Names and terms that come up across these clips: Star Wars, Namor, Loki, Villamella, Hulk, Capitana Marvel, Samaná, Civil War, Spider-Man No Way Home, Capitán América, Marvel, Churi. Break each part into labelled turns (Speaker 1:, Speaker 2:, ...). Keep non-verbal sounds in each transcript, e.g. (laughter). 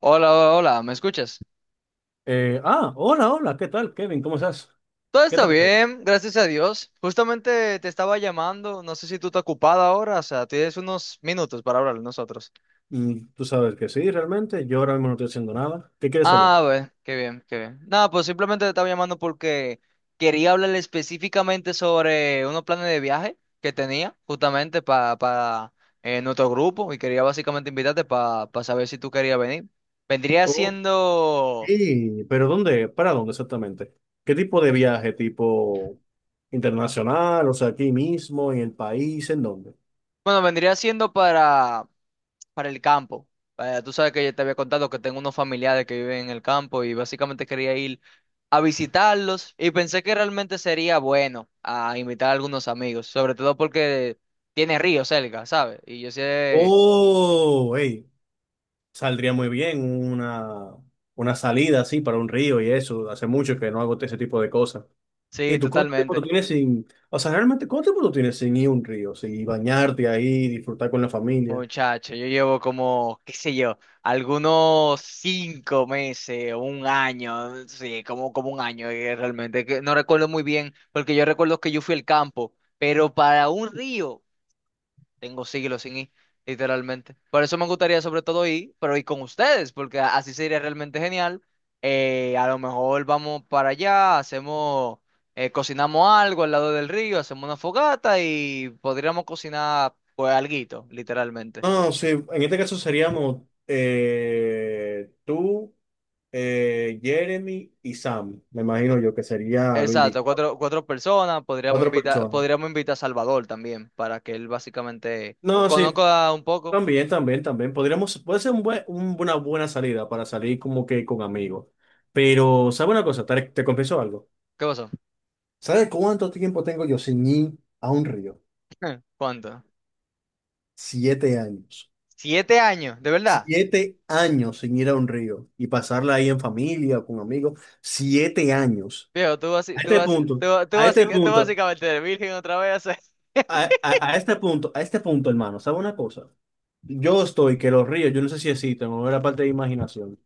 Speaker 1: Hola, hola, hola, ¿me escuchas?
Speaker 2: Hola, hola, ¿qué tal, Kevin? ¿Cómo estás?
Speaker 1: Todo
Speaker 2: ¿Qué
Speaker 1: está
Speaker 2: tal todo?
Speaker 1: bien, gracias a Dios. Justamente te estaba llamando, no sé si tú estás ocupada ahora, o sea, tienes unos minutos para hablar de nosotros.
Speaker 2: Mm, tú sabes que sí, realmente. Yo ahora mismo no estoy haciendo nada. ¿Qué quieres
Speaker 1: Ah,
Speaker 2: hablar?
Speaker 1: bueno, qué bien, qué bien. Nada, pues simplemente te estaba llamando porque quería hablar específicamente sobre unos planes de viaje que tenía justamente para nuestro grupo y quería básicamente invitarte para saber si tú querías venir. Vendría
Speaker 2: Ok,
Speaker 1: siendo,
Speaker 2: pero ¿dónde? ¿Para dónde exactamente? ¿Qué tipo de viaje? ¿Tipo internacional? O sea, aquí mismo, en el país, ¿en dónde?
Speaker 1: bueno, vendría siendo para el campo. Tú sabes que yo te había contado que tengo unos familiares que viven en el campo y básicamente quería ir a visitarlos y pensé que realmente sería bueno a invitar a algunos amigos, sobre todo porque tiene río cerca, ¿sabes? Y yo sé,
Speaker 2: Oh, hey, saldría muy bien una, una salida así para un río y eso. Hace mucho que no hago ese tipo de cosas. ¿Y
Speaker 1: sí,
Speaker 2: tú cuánto tiempo tú
Speaker 1: totalmente.
Speaker 2: tienes sin, o sea, realmente cuánto tiempo tú tienes sin ir a un río, sin bañarte ahí, disfrutar con la familia?
Speaker 1: Muchacho, yo llevo como, qué sé yo, algunos 5 meses, o un año, sí, como un año, realmente, que no recuerdo muy bien, porque yo recuerdo que yo fui al campo, pero para un río. Tengo siglos sin ir, literalmente. Por eso me gustaría sobre todo ir, pero ir con ustedes, porque así sería realmente genial. A lo mejor vamos para allá, cocinamos algo al lado del río, hacemos una fogata y podríamos cocinar pues alguito, literalmente.
Speaker 2: No, sí, en este caso seríamos tú, Jeremy y Sam, me imagino yo que sería lo
Speaker 1: Exacto,
Speaker 2: indicado.
Speaker 1: cuatro personas, podríamos
Speaker 2: Cuatro
Speaker 1: invitar,
Speaker 2: personas.
Speaker 1: podríamos invitar a Salvador también, para que él básicamente
Speaker 2: No, sí,
Speaker 1: conozca un poco.
Speaker 2: también, también, también. Podríamos, puede ser un buen, una buena salida para salir como que con amigos. Pero, ¿sabes una cosa? Te confieso algo.
Speaker 1: ¿Qué pasó?
Speaker 2: ¿Sabes cuánto tiempo tengo yo sin ir a un río?
Speaker 1: (laughs) ¿Cuánto?
Speaker 2: Siete años.
Speaker 1: ¿7 años? ¿De verdad?
Speaker 2: Siete años sin ir a un río y pasarla ahí en familia, con amigos. Siete años.
Speaker 1: Viejo, tú, basi-
Speaker 2: A
Speaker 1: tú,
Speaker 2: este
Speaker 1: basi-
Speaker 2: punto,
Speaker 1: tú, tú,
Speaker 2: a este
Speaker 1: basi- tú
Speaker 2: punto,
Speaker 1: básicamente eres virgen otra vez. (laughs)
Speaker 2: a, a este punto, a este punto, hermano, ¿sabe una cosa? Yo estoy que los ríos, yo no sé si existen, o era parte de imaginación,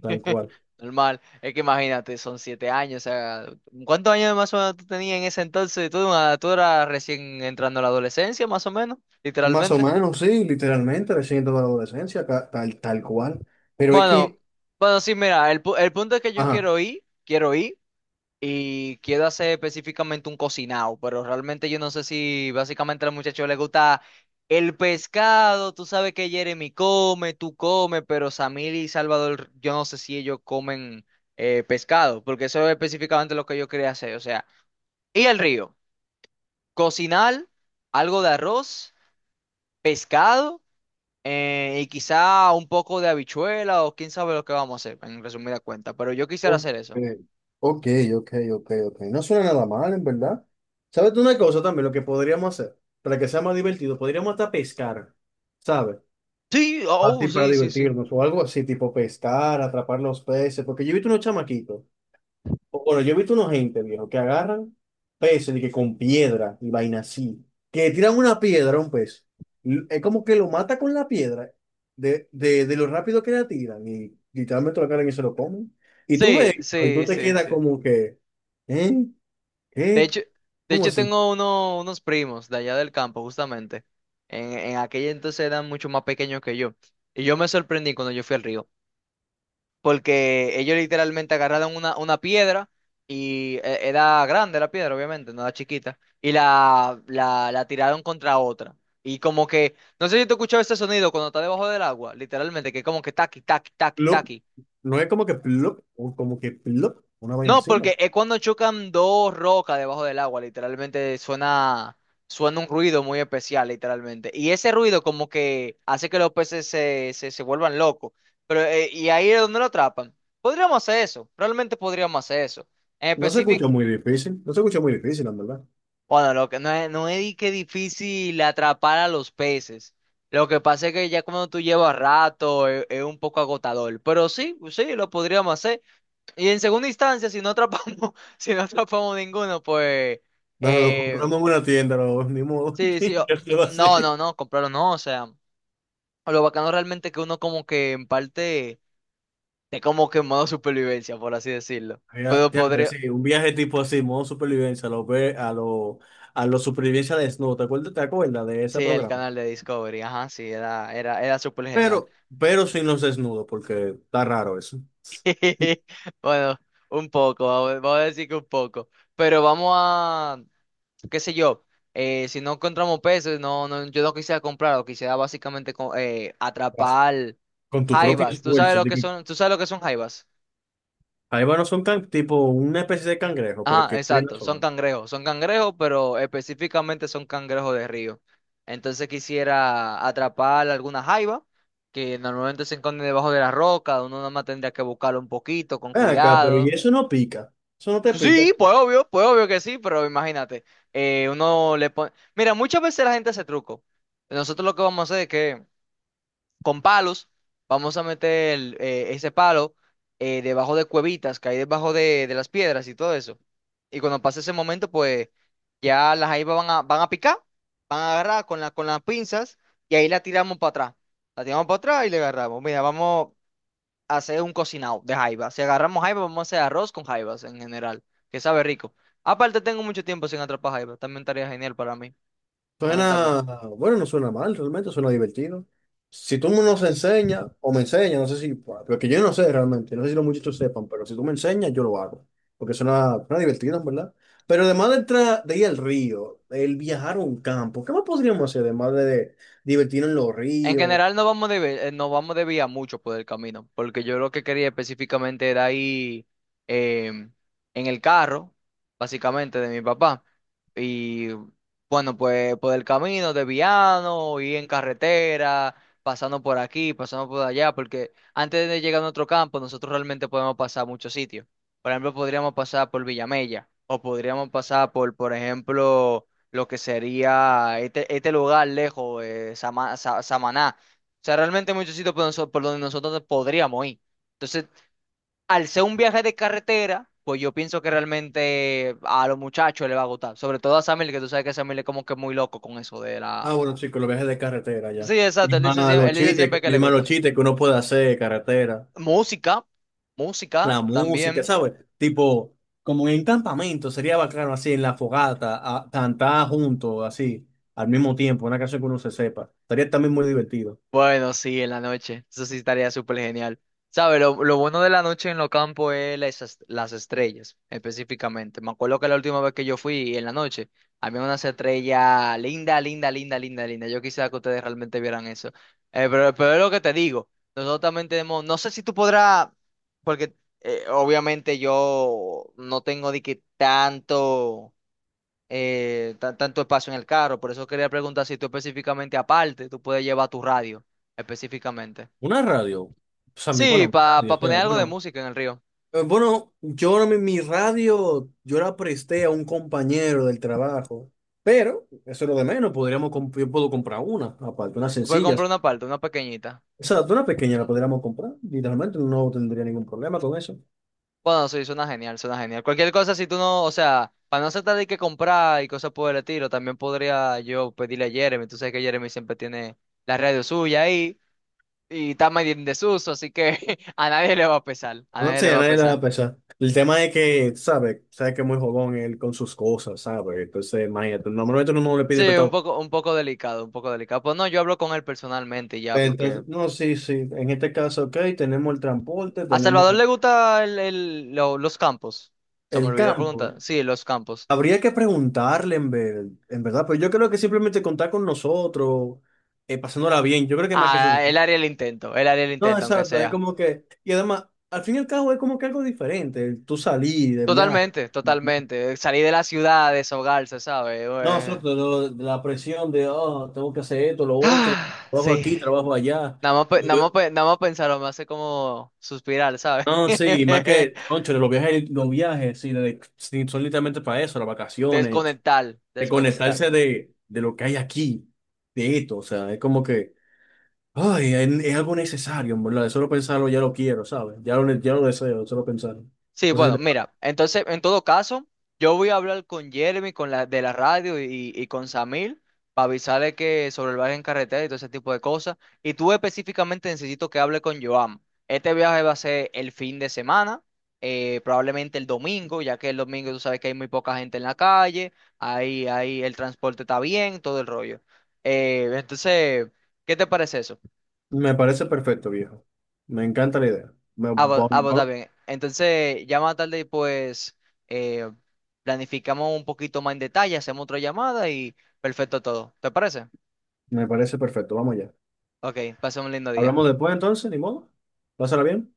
Speaker 2: tal cual.
Speaker 1: Normal. Es que imagínate, son 7 años. O sea, ¿cuántos años más o menos tú tenías en ese entonces? Tú eras recién entrando a la adolescencia, más o menos,
Speaker 2: Más o
Speaker 1: literalmente.
Speaker 2: menos, sí, literalmente, recién toda la adolescencia, tal, tal cual. Pero es
Speaker 1: Bueno,
Speaker 2: que,
Speaker 1: bueno, sí, mira, el punto es que yo
Speaker 2: ajá,
Speaker 1: quiero ir, quiero ir. Y quiero hacer específicamente un cocinado, pero realmente yo no sé si básicamente al muchacho le gusta el pescado, tú sabes que Jeremy come, tú comes, pero Samir y Salvador, yo no sé si ellos comen pescado, porque eso es específicamente lo que yo quería hacer, o sea, ir al río, cocinar algo de arroz, pescado. Y quizá un poco de habichuela o quién sabe lo que vamos a hacer, en resumida cuenta, pero yo quisiera
Speaker 2: ok,
Speaker 1: hacer eso.
Speaker 2: ok, ok, ok, ok. No suena nada mal, en verdad. ¿Sabes tú una cosa también? Lo que podríamos hacer para que sea más divertido, podríamos hasta pescar, ¿sabes?
Speaker 1: Sí, oh,
Speaker 2: Así para
Speaker 1: sí, sí, sí.
Speaker 2: divertirnos o algo así, tipo pescar, atrapar los peces, porque yo he visto unos chamaquitos. Bueno, yo he visto unos gente, viejo, que agarran peces y que con piedra y vaina así, que tiran una piedra a un pez. Es como que lo mata con la piedra de lo rápido que la tiran y literalmente lo agarran y se lo comen. Y tú
Speaker 1: Sí,
Speaker 2: ves, y tú
Speaker 1: sí,
Speaker 2: te
Speaker 1: sí,
Speaker 2: quedas
Speaker 1: sí.
Speaker 2: como que, ¿eh?
Speaker 1: De
Speaker 2: ¿Qué?
Speaker 1: hecho, de
Speaker 2: ¿Cómo
Speaker 1: hecho
Speaker 2: así?
Speaker 1: tengo unos primos de allá del campo, justamente. En aquella entonces eran mucho más pequeños que yo. Y yo me sorprendí cuando yo fui al río, porque ellos literalmente agarraron una piedra y era grande la piedra, obviamente, no era chiquita, y la tiraron contra otra. Y como que, no sé si tú escuchabas ese sonido cuando está debajo del agua, literalmente, que como que taqui, taqui, taqui,
Speaker 2: Plop.
Speaker 1: taqui.
Speaker 2: No es como que plop, o como que plop, una vaina
Speaker 1: No,
Speaker 2: así, ¿no?
Speaker 1: porque es cuando chocan dos rocas debajo del agua, literalmente suena un ruido muy especial, literalmente. Y ese ruido como que hace que los peces se vuelvan locos. Y ahí es donde lo atrapan. Podríamos hacer eso, realmente podríamos hacer eso. En
Speaker 2: No se escucha
Speaker 1: específico,
Speaker 2: muy difícil, no se escucha muy difícil, la verdad.
Speaker 1: bueno, lo que no es di que difícil atrapar a los peces. Lo que pasa es que ya cuando tú llevas rato, es un poco agotador. Pero sí, sí, lo podríamos hacer. Y en segunda instancia, si no atrapamos, (laughs) si no atrapamos ninguno, pues
Speaker 2: No, lo
Speaker 1: eh,
Speaker 2: compramos en una tienda, no, ni modo, (laughs)
Speaker 1: sí, sí,
Speaker 2: ¿qué se lo va a
Speaker 1: (clears throat) no,
Speaker 2: hacer?
Speaker 1: no, no, compraron no, o sea, lo bacano realmente es que uno como que en parte es como que en modo supervivencia, por así decirlo.
Speaker 2: Mira,
Speaker 1: Pero
Speaker 2: diantre,
Speaker 1: podría,
Speaker 2: sí, un viaje tipo así, modo supervivencia, a lo supervivencia desnudo. Te acuerdas de ese
Speaker 1: sí, el
Speaker 2: programa?
Speaker 1: canal de Discovery, ajá, sí, era súper genial.
Speaker 2: Pero, pero sin los desnudos, porque está raro eso.
Speaker 1: (laughs) Bueno, un poco, vamos a decir que un poco. Pero vamos a, qué sé yo, si no encontramos peces, no, no, yo no quisiera comprar, lo quisiera básicamente
Speaker 2: Vas
Speaker 1: atrapar
Speaker 2: con tu propio
Speaker 1: jaivas, ¿tú sabes
Speaker 2: esfuerzo.
Speaker 1: lo que
Speaker 2: Digo,
Speaker 1: son? ¿Tú sabes lo que son jaivas?
Speaker 2: ahí van, no son can- tipo una especie de cangrejo, pero
Speaker 1: Ajá,
Speaker 2: que bien no
Speaker 1: exacto,
Speaker 2: son.
Speaker 1: son cangrejos, pero específicamente son cangrejos de río. Entonces quisiera atrapar alguna jaiva que normalmente se esconde debajo de la roca, uno nada más tendría que buscarlo un poquito, con
Speaker 2: Ven acá, pero y
Speaker 1: cuidado.
Speaker 2: eso no pica. Eso no te
Speaker 1: Pues
Speaker 2: pica.
Speaker 1: sí, pues obvio que sí, pero imagínate, uno le pone. Mira, muchas veces la gente hace truco. Nosotros lo que vamos a hacer es que con palos, vamos a meter ese palo, debajo de cuevitas que hay debajo de las piedras y todo eso. Y cuando pase ese momento, pues ya las jaivas van a picar, van a agarrar con con las pinzas y ahí la tiramos para atrás. La tiramos para atrás y le agarramos. Mira, vamos a hacer un cocinado de jaiba. Si agarramos jaiba, vamos a hacer arroz con jaivas en general, que sabe rico. Aparte, tengo mucho tiempo sin atrapar jaiba. También estaría genial para mí,
Speaker 2: Suena,
Speaker 1: honestamente.
Speaker 2: bueno, no suena mal, realmente suena divertido. Si tú nos enseñas o me enseñas, no sé si, porque yo no sé realmente, no sé si los muchachos sepan, pero si tú me enseñas, yo lo hago, porque suena, suena divertido, en verdad. Pero además de ir al río, el viajar a un campo, ¿qué más podríamos hacer además de divertirnos en los
Speaker 1: En
Speaker 2: ríos?
Speaker 1: general no vamos de vía mucho por el camino, porque yo lo que quería específicamente era ir em, en el carro, básicamente, de mi papá. Y bueno, pues por el camino, desviarnos, ir en carretera, pasando por aquí, pasando por allá, porque antes de llegar a nuestro campo, nosotros realmente podemos pasar a muchos sitios. Por ejemplo, podríamos pasar por Villamella, o podríamos pasar por ejemplo, lo que sería este, este lugar lejos, Samaná. O sea, realmente hay muchos sitios por donde nosotros podríamos ir. Entonces, al ser un viaje de carretera, pues yo pienso que realmente a los muchachos les va a gustar. Sobre todo a Samuel, que tú sabes que Samuel es como que muy loco con eso de
Speaker 2: Ah,
Speaker 1: la...
Speaker 2: bueno, chicos, los viajes de carretera ya.
Speaker 1: Sí,
Speaker 2: Y
Speaker 1: exacto, él dice,
Speaker 2: más
Speaker 1: siem-
Speaker 2: los
Speaker 1: él dice siempre
Speaker 2: chistes,
Speaker 1: que
Speaker 2: y
Speaker 1: le
Speaker 2: más los
Speaker 1: gustan.
Speaker 2: chistes que uno puede hacer de carretera.
Speaker 1: Música, música
Speaker 2: La música,
Speaker 1: también.
Speaker 2: ¿sabes? Tipo, como en campamento, sería bacano así, en la fogata, cantar juntos, así, al mismo tiempo, una canción que uno se sepa. Estaría también muy divertido.
Speaker 1: Bueno, sí, en la noche. Eso sí estaría súper genial. ¿Sabes? Lo bueno de la noche en los campos es las estrellas, específicamente. Me acuerdo que la última vez que yo fui en la noche, había unas estrellas linda, linda, linda, linda, linda. Yo quisiera que ustedes realmente vieran eso. Pero es lo que te digo. Nosotros también tenemos, no sé si tú podrás, porque, obviamente yo no tengo de que tanto espacio en el carro. Por eso quería preguntar si tú específicamente aparte, tú puedes llevar tu radio específicamente.
Speaker 2: Una radio, o sea, mi,
Speaker 1: Sí,
Speaker 2: bueno, mi
Speaker 1: para
Speaker 2: radio, o
Speaker 1: poner
Speaker 2: sea,
Speaker 1: algo de
Speaker 2: bueno,
Speaker 1: música en el río.
Speaker 2: bueno, yo ahora mi radio, yo la presté a un compañero del trabajo, pero eso es lo de menos, podríamos, yo puedo comprar una, aparte, unas
Speaker 1: Tú puedes comprar
Speaker 2: sencillas.
Speaker 1: una parte, una pequeñita.
Speaker 2: O sea, una pequeña la podríamos comprar, literalmente no tendría ningún problema con eso.
Speaker 1: Bueno, sí, suena genial, suena genial. Cualquier cosa, si tú no, o sea, para no tratar de que comprar y cosas por el estilo, también podría yo pedirle a Jeremy. Tú sabes que Jeremy siempre tiene la radio suya ahí y está medio en desuso, así que (laughs) a nadie le va a pesar, a
Speaker 2: No
Speaker 1: nadie
Speaker 2: sé,
Speaker 1: le
Speaker 2: a
Speaker 1: va a
Speaker 2: nadie le va a
Speaker 1: pesar.
Speaker 2: pesar. El tema es que, ¿sabes? Sabes que es muy jodón él con sus cosas, ¿sabes? Entonces, imagínate, normalmente uno no le
Speaker 1: Sí,
Speaker 2: pide prestado.
Speaker 1: un poco delicado, un poco delicado. Pues no, yo hablo con él personalmente ya,
Speaker 2: Pero
Speaker 1: porque
Speaker 2: entonces, no, sí, sí. En este caso, ok, tenemos el transporte,
Speaker 1: a
Speaker 2: tenemos
Speaker 1: Salvador le gusta los campos. Se me
Speaker 2: el
Speaker 1: olvidó
Speaker 2: campo.
Speaker 1: preguntar. Sí, los campos.
Speaker 2: Habría que preguntarle, en verdad, pero yo creo que simplemente contar con nosotros, pasándola bien, yo creo que más que
Speaker 1: Ah, él
Speaker 2: suficiente.
Speaker 1: haría el intento, él haría el
Speaker 2: No,
Speaker 1: intento, aunque
Speaker 2: exacto, es
Speaker 1: sea.
Speaker 2: como que, y además, al fin y al cabo es como que algo diferente, el tú salir de viaje.
Speaker 1: Totalmente, totalmente. Salir de la ciudad, deshogarse, ¿sabes?
Speaker 2: No, exacto, de la presión de, oh, tengo que hacer esto, lo otro,
Speaker 1: (sighs)
Speaker 2: trabajo
Speaker 1: Sí.
Speaker 2: aquí, trabajo allá.
Speaker 1: Nada más pensarlo me hace como suspirar, ¿sabes?
Speaker 2: No, sí, y más que,
Speaker 1: (laughs)
Speaker 2: concho, los viajes, sí, sí, son literalmente para eso, las vacaciones,
Speaker 1: Desconectar,
Speaker 2: de
Speaker 1: desconectar.
Speaker 2: conectarse de lo que hay aquí, de esto, o sea, es como que, ay, es algo necesario, ¿en verdad? De solo pensarlo ya lo quiero, ¿sabes? Ya lo deseo, de solo pensarlo.
Speaker 1: Sí,
Speaker 2: Entonces,
Speaker 1: bueno, mira, entonces, en todo caso, yo voy a hablar con Jeremy, con la de la radio y con Samir para avisarle que sobre el viaje en carretera y todo ese tipo de cosas. Y tú específicamente necesito que hable con Joan. Este viaje va a ser el fin de semana, probablemente el domingo, ya que el domingo tú sabes que hay muy poca gente en la calle, ahí el transporte está bien, todo el rollo. Entonces, ¿qué te parece eso?
Speaker 2: me parece perfecto, viejo. Me encanta la idea.
Speaker 1: Pues, está bien. Entonces, ya más tarde, pues, eh, planificamos un poquito más en detalle, hacemos otra llamada y perfecto todo. ¿Te parece?
Speaker 2: Me parece perfecto, vamos allá.
Speaker 1: Ok, pasa un lindo día.
Speaker 2: Hablamos después entonces, ni modo. Pásala bien.